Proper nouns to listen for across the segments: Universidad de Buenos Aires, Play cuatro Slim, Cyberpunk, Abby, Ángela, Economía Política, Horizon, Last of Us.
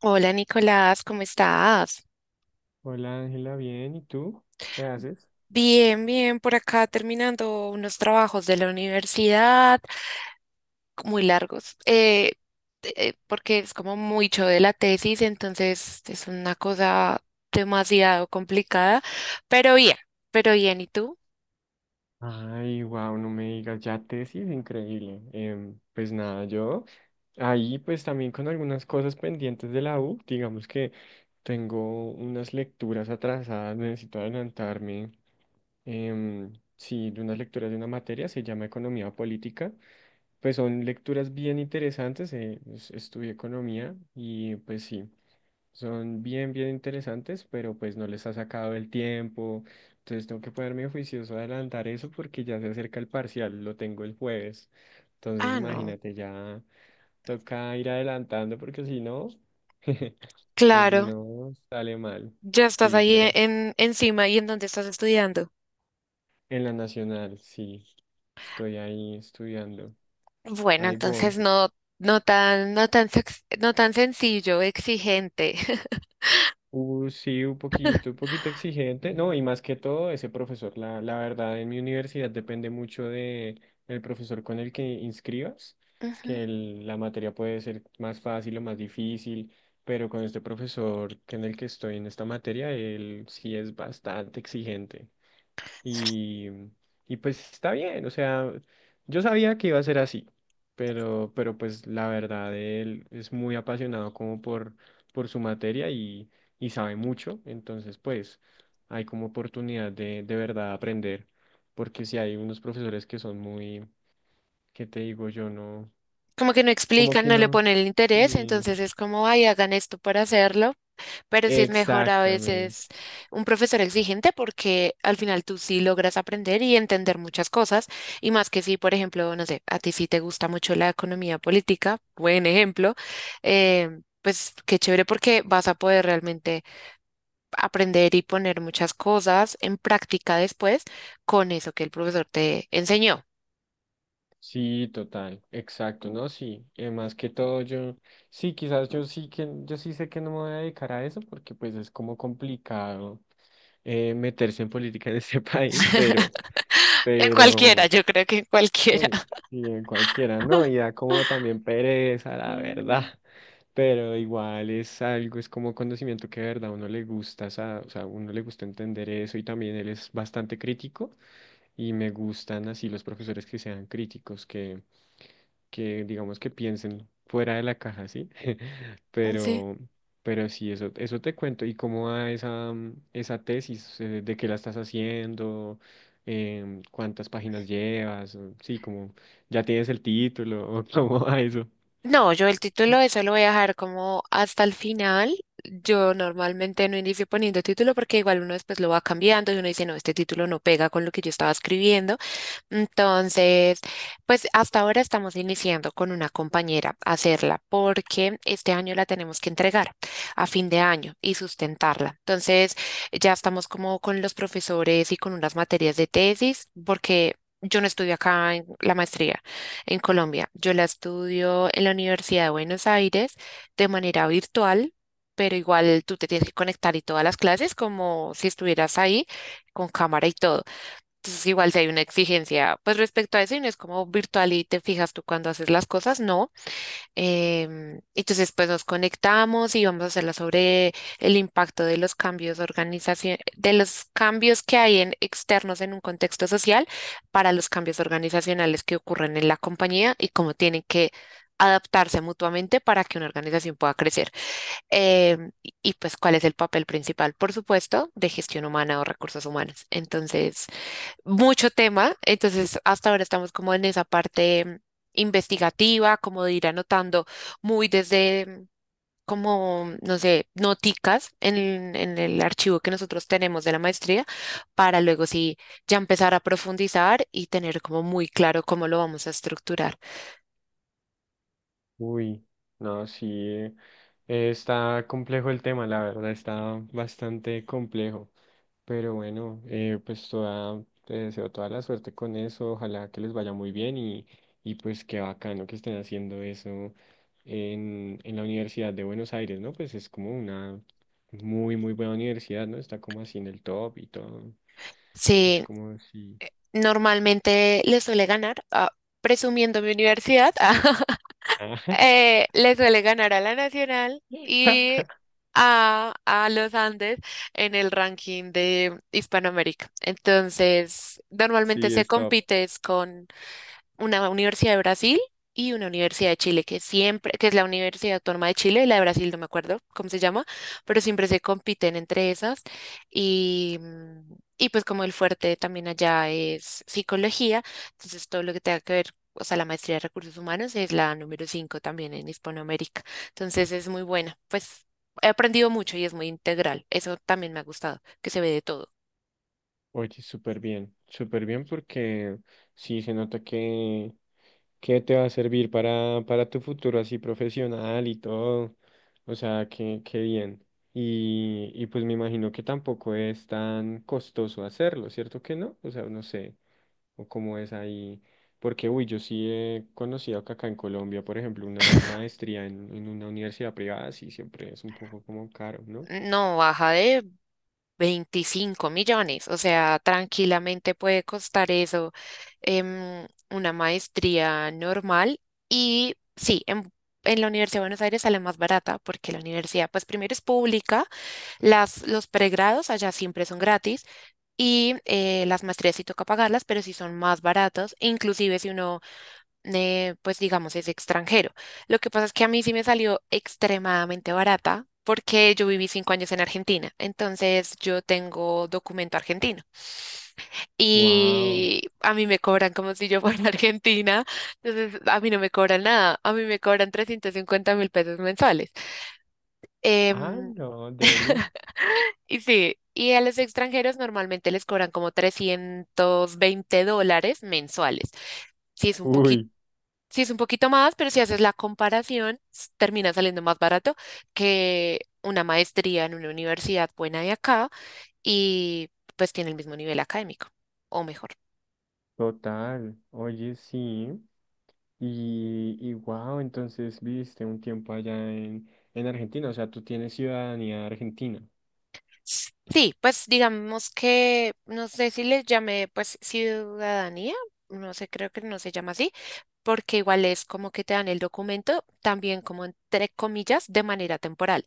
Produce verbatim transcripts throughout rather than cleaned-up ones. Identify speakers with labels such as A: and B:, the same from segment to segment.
A: Hola Nicolás, ¿cómo estás?
B: Hola Ángela, bien, ¿y tú? ¿Qué haces?
A: Bien, bien, por acá terminando unos trabajos de la universidad, muy largos, eh, eh, porque es como mucho de la tesis, entonces es una cosa demasiado complicada, pero bien, pero bien, ¿y tú?
B: Ay, wow, no me digas, ya tesis, increíble. Em, pues nada, yo ahí pues también con algunas cosas pendientes de la U, digamos que tengo unas lecturas atrasadas, necesito adelantarme. em, sí, de unas lecturas de una materia, se llama Economía Política. Pues son lecturas bien interesantes, eh, es- estudié economía y pues sí. Son bien, bien interesantes, pero pues no les ha sacado el tiempo. Entonces tengo que ponerme juicioso a adelantar eso porque ya se acerca el parcial, lo tengo el jueves. Entonces
A: Ah, no,
B: imagínate, ya toca ir adelantando porque si no, o si
A: claro,
B: no, sale mal.
A: ya estás
B: Sí,
A: ahí e-
B: pero
A: en, encima. ¿Y en dónde estás estudiando?
B: en la nacional, sí, estoy ahí estudiando.
A: Bueno,
B: Ahí voy.
A: entonces no, no tan, no tan, sex- no tan sencillo, exigente.
B: Uh, sí, un poquito, un poquito exigente. No, y más que todo, ese profesor, la, la verdad, en mi universidad depende mucho de el profesor con el que inscribas, que el- la materia puede ser más fácil o más difícil, pero con este profesor que en el que estoy en esta materia, él sí es bastante exigente. Y, y pues está bien, o sea, yo sabía que iba a ser así, pero, pero pues la verdad, él es muy apasionado como por, por su materia y, y sabe mucho, entonces pues hay como oportunidad de, de, verdad aprender, porque si hay unos profesores que son muy, ¿qué te digo? Yo no,
A: Como que no
B: como
A: explican,
B: que
A: no le
B: no.
A: ponen el interés,
B: Sí,
A: entonces es como, ay, hagan esto para hacerlo, pero sí es mejor a
B: exactamente.
A: veces un profesor exigente porque al final tú sí logras aprender y entender muchas cosas, y más que si, por ejemplo, no sé, a ti sí te gusta mucho la economía política, buen ejemplo, eh, pues qué chévere porque vas a poder realmente aprender y poner muchas cosas en práctica después con eso que el profesor te enseñó.
B: Sí, total, exacto, ¿no? Sí, eh, más que todo yo, sí, quizás yo sí que, yo sí sé que no me voy a dedicar a eso porque pues es como complicado eh, meterse en política en este país, pero,
A: En cualquiera,
B: pero,
A: yo creo que en cualquiera.
B: uy, sí, en cualquiera, ¿no? Y da como también pereza, la verdad,
A: Sí.
B: pero igual es algo, es como conocimiento que de verdad a uno le gusta, sa- o sea, a uno le gusta entender eso y también él es bastante crítico y me gustan así los profesores que sean críticos, que que digamos que piensen fuera de la caja, ¿sí?
A: Sí.
B: Pero, pero sí, eso, eso te cuento. ¿Y cómo va esa, mm, esa tesis? eh, ¿De qué la estás haciendo? Em, ¿cuántas páginas llevas? O- Sí, como ya tienes el título, o cómo va eso.
A: No, yo el título eso lo voy a dejar como hasta el final. Yo normalmente no inicio poniendo título porque igual uno después lo va cambiando y uno dice, no, este título no pega con lo que yo estaba escribiendo. Entonces, pues hasta ahora estamos iniciando con una compañera a hacerla porque este año la tenemos que entregar a fin de año y sustentarla. Entonces, ya estamos como con los profesores y con unas materias de tesis porque yo no estudio acá en la maestría en Colombia. Yo la estudio en la Universidad de Buenos Aires de manera virtual. Pero igual tú te tienes que conectar y todas las clases como si estuvieras ahí con cámara y todo. Entonces, igual si hay una exigencia, pues respecto a eso, y no es como virtual y te fijas tú cuando haces las cosas, no. Em, entonces, pues nos conectamos y vamos a hacerla sobre el impacto de los cambios organización, de los cambios que hay en externos en un contexto social para los cambios organizacionales que ocurren en la compañía y cómo tienen que adaptarse mutuamente para que una organización pueda crecer. Em, y y, pues cuál es el papel principal, por supuesto, de gestión humana o recursos humanos. Entonces, mucho tema, entonces hasta ahora estamos como en esa parte mm, investigativa, como de ir anotando muy desde mm, como, no sé, noticas en, en el archivo que nosotros tenemos de la maestría, para luego sí ya empezar a profundizar y tener como muy claro cómo lo vamos a estructurar.
B: Uy, no, sí, eh, está complejo el tema, la verdad, está bastante complejo. Pero bueno, eh, pues toda, te deseo toda la suerte con eso, ojalá que les vaya muy bien y, y pues qué bacano que estén haciendo eso en, en, la Universidad de Buenos Aires, ¿no? Pues es como una muy, muy buena universidad, ¿no? Está como así en el top y todo, es
A: Sí,
B: como así.
A: normalmente le suele ganar, ah, presumiendo mi universidad, eh, le suele ganar a la Nacional y a, a los Andes en el ranking de Hispanoamérica. Entonces, normalmente
B: Sí,
A: se
B: es top.
A: compite es con una universidad de Brasil y una universidad de Chile, que siempre, que es la Universidad Autónoma de Chile, y la de Brasil no me acuerdo cómo se llama, pero siempre se compiten entre esas. Y, mm, y pues como el fuerte también allá es psicología, entonces todo lo que tenga que ver, o sea, la maestría de recursos humanos es la número cinco también en Hispanoamérica. Entonces es muy buena, pues he aprendido mucho y es muy integral. Eso también me ha gustado, que se ve de todo.
B: Oye, súper bien, súper bien porque sí se nota que... que te va a servir para, para tu futuro así profesional y todo. O sea, que, que bien. Y, y pues me imagino que tampoco es tan costoso hacerlo, ¿cierto que no? O sea, no sé, o cómo es ahí. Porque, uy, yo sí he conocido que acá en Colombia, por ejemplo, una maestría en, en, una universidad privada, sí, siempre es un poco como caro, ¿no?
A: No baja de veinticinco millones, o sea, tranquilamente puede costar eso em, una maestría normal y sí, en, en la Universidad de Buenos Aires sale más barata porque la universidad, pues primero es pública, las, los pregrados allá siempre son gratis y eh, las maestrías sí toca pagarlas, pero sí son más baratos, inclusive si uno eh, pues digamos, es extranjero. Lo que pasa es que a mí sí me salió extremadamente barata porque yo viví cinco años en Argentina, entonces yo tengo documento argentino
B: Wow.
A: y a mí me cobran como si yo fuera argentina, entonces a mí no me cobran nada, a mí me cobran trescientos cincuenta mil pesos mensuales.
B: Ah,
A: Em,
B: no, Deli.
A: y sí, y a los extranjeros normalmente les cobran como trescientos veinte dólares mensuales. Sí, es un poquito
B: Uy,
A: Sí, es un poquito más, pero si haces la comparación, s- termina saliendo más barato que una maestría en una universidad buena de acá y pues tiene el mismo nivel académico, o mejor.
B: total. Oye, sí. Y, y wow, entonces viviste un tiempo allá en, en Argentina, o sea, tú tienes ciudadanía argentina.
A: S- Sí, pues digamos que, no sé si les llamé pues ciudadanía, no sé, creo que no se llama así, porque igual es como que te dan el documento, también como entre comillas, de manera temporal.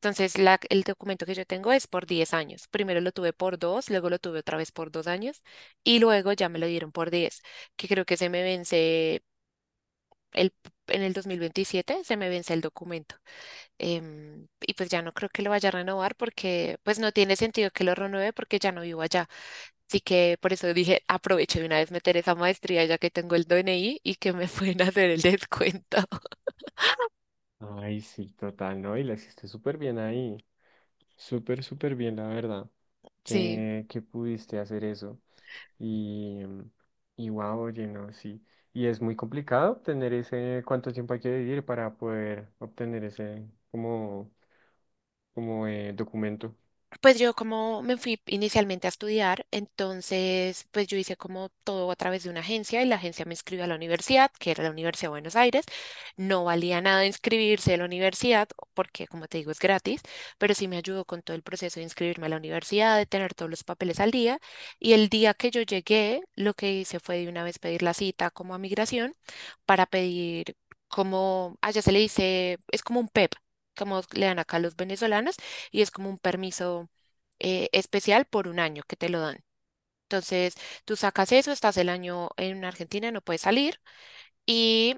A: Entonces, la- el documento que yo tengo es por diez años. Primero lo tuve por dos, luego lo tuve otra vez por dos años y luego ya me lo dieron por diez, que creo que se me vence el, en el dos mil veintisiete, se me vence el documento. Em, y pues ya no creo que lo vaya a renovar porque pues no tiene sentido que lo renueve porque ya no vivo allá. Así que por eso dije, aprovecho de una vez meter esa maestría ya que tengo el D N I y que me pueden hacer el descuento.
B: Ay, sí, total, ¿no? Y la hiciste súper bien ahí. Súper, súper bien, la verdad,
A: Sí.
B: que, que pudiste hacer eso. Y, y wow, oye, no, sí. Y es muy complicado obtener ese, cuánto tiempo hay que vivir para poder obtener ese como, como eh, documento.
A: Pues yo como me fui inicialmente a estudiar, entonces pues yo hice como todo a través de una agencia y la agencia me inscribió a la universidad, que era la Universidad de Buenos Aires. No valía nada inscribirse a la universidad porque como te digo es gratis, pero sí me ayudó con todo el proceso de inscribirme a la universidad, de tener todos los papeles al día. Y el día que yo llegué, lo que hice fue de una vez pedir la cita como a migración para pedir como, allá se le dice, es como un P E P, como le dan acá a los venezolanos y es como un permiso eh, especial por un año que te lo dan. Entonces, tú sacas eso, estás el año en Argentina, no puedes salir y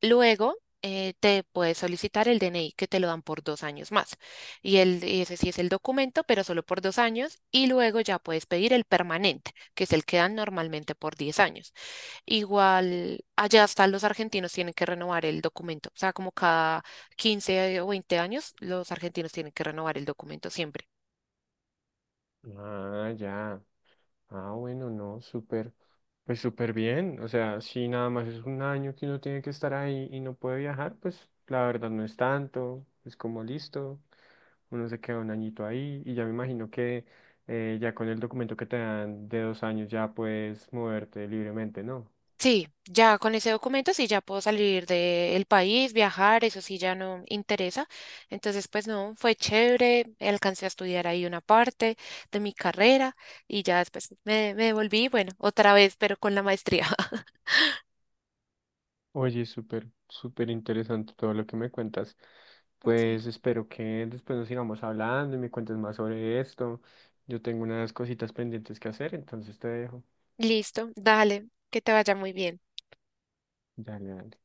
A: luego eh, te puedes solicitar el D N I que te lo dan por dos años más. Y, el, y ese sí es el documento, pero solo por dos años y luego ya puedes pedir el permanente, que es el que dan normalmente por diez años. Igual allá hasta los argentinos tienen que renovar el documento, o sea, como cada quince o veinte años los argentinos tienen que renovar el documento siempre.
B: Ah, ya. Ah, bueno, no, súper, pues súper bien. O sea, si nada más es un año que uno tiene que estar ahí y no puede viajar, pues la verdad no es tanto, es como listo, uno se queda un añito ahí y ya me imagino que eh, ya con el documento que te dan de dos años ya puedes moverte libremente, ¿no?
A: Sí, ya con ese documento sí ya puedo salir del país, viajar, eso sí ya no interesa. Entonces, pues no, fue chévere, alcancé a estudiar ahí una parte de mi carrera y ya después me, me devolví, bueno, otra vez, pero con la maestría.
B: Oye, súper, súper interesante todo lo que me cuentas.
A: Sí.
B: Pues espero que después nos sigamos hablando y me cuentes más sobre esto. Yo tengo unas cositas pendientes que hacer, entonces te dejo.
A: Listo, dale, que te vaya muy bien.
B: Dale, dale.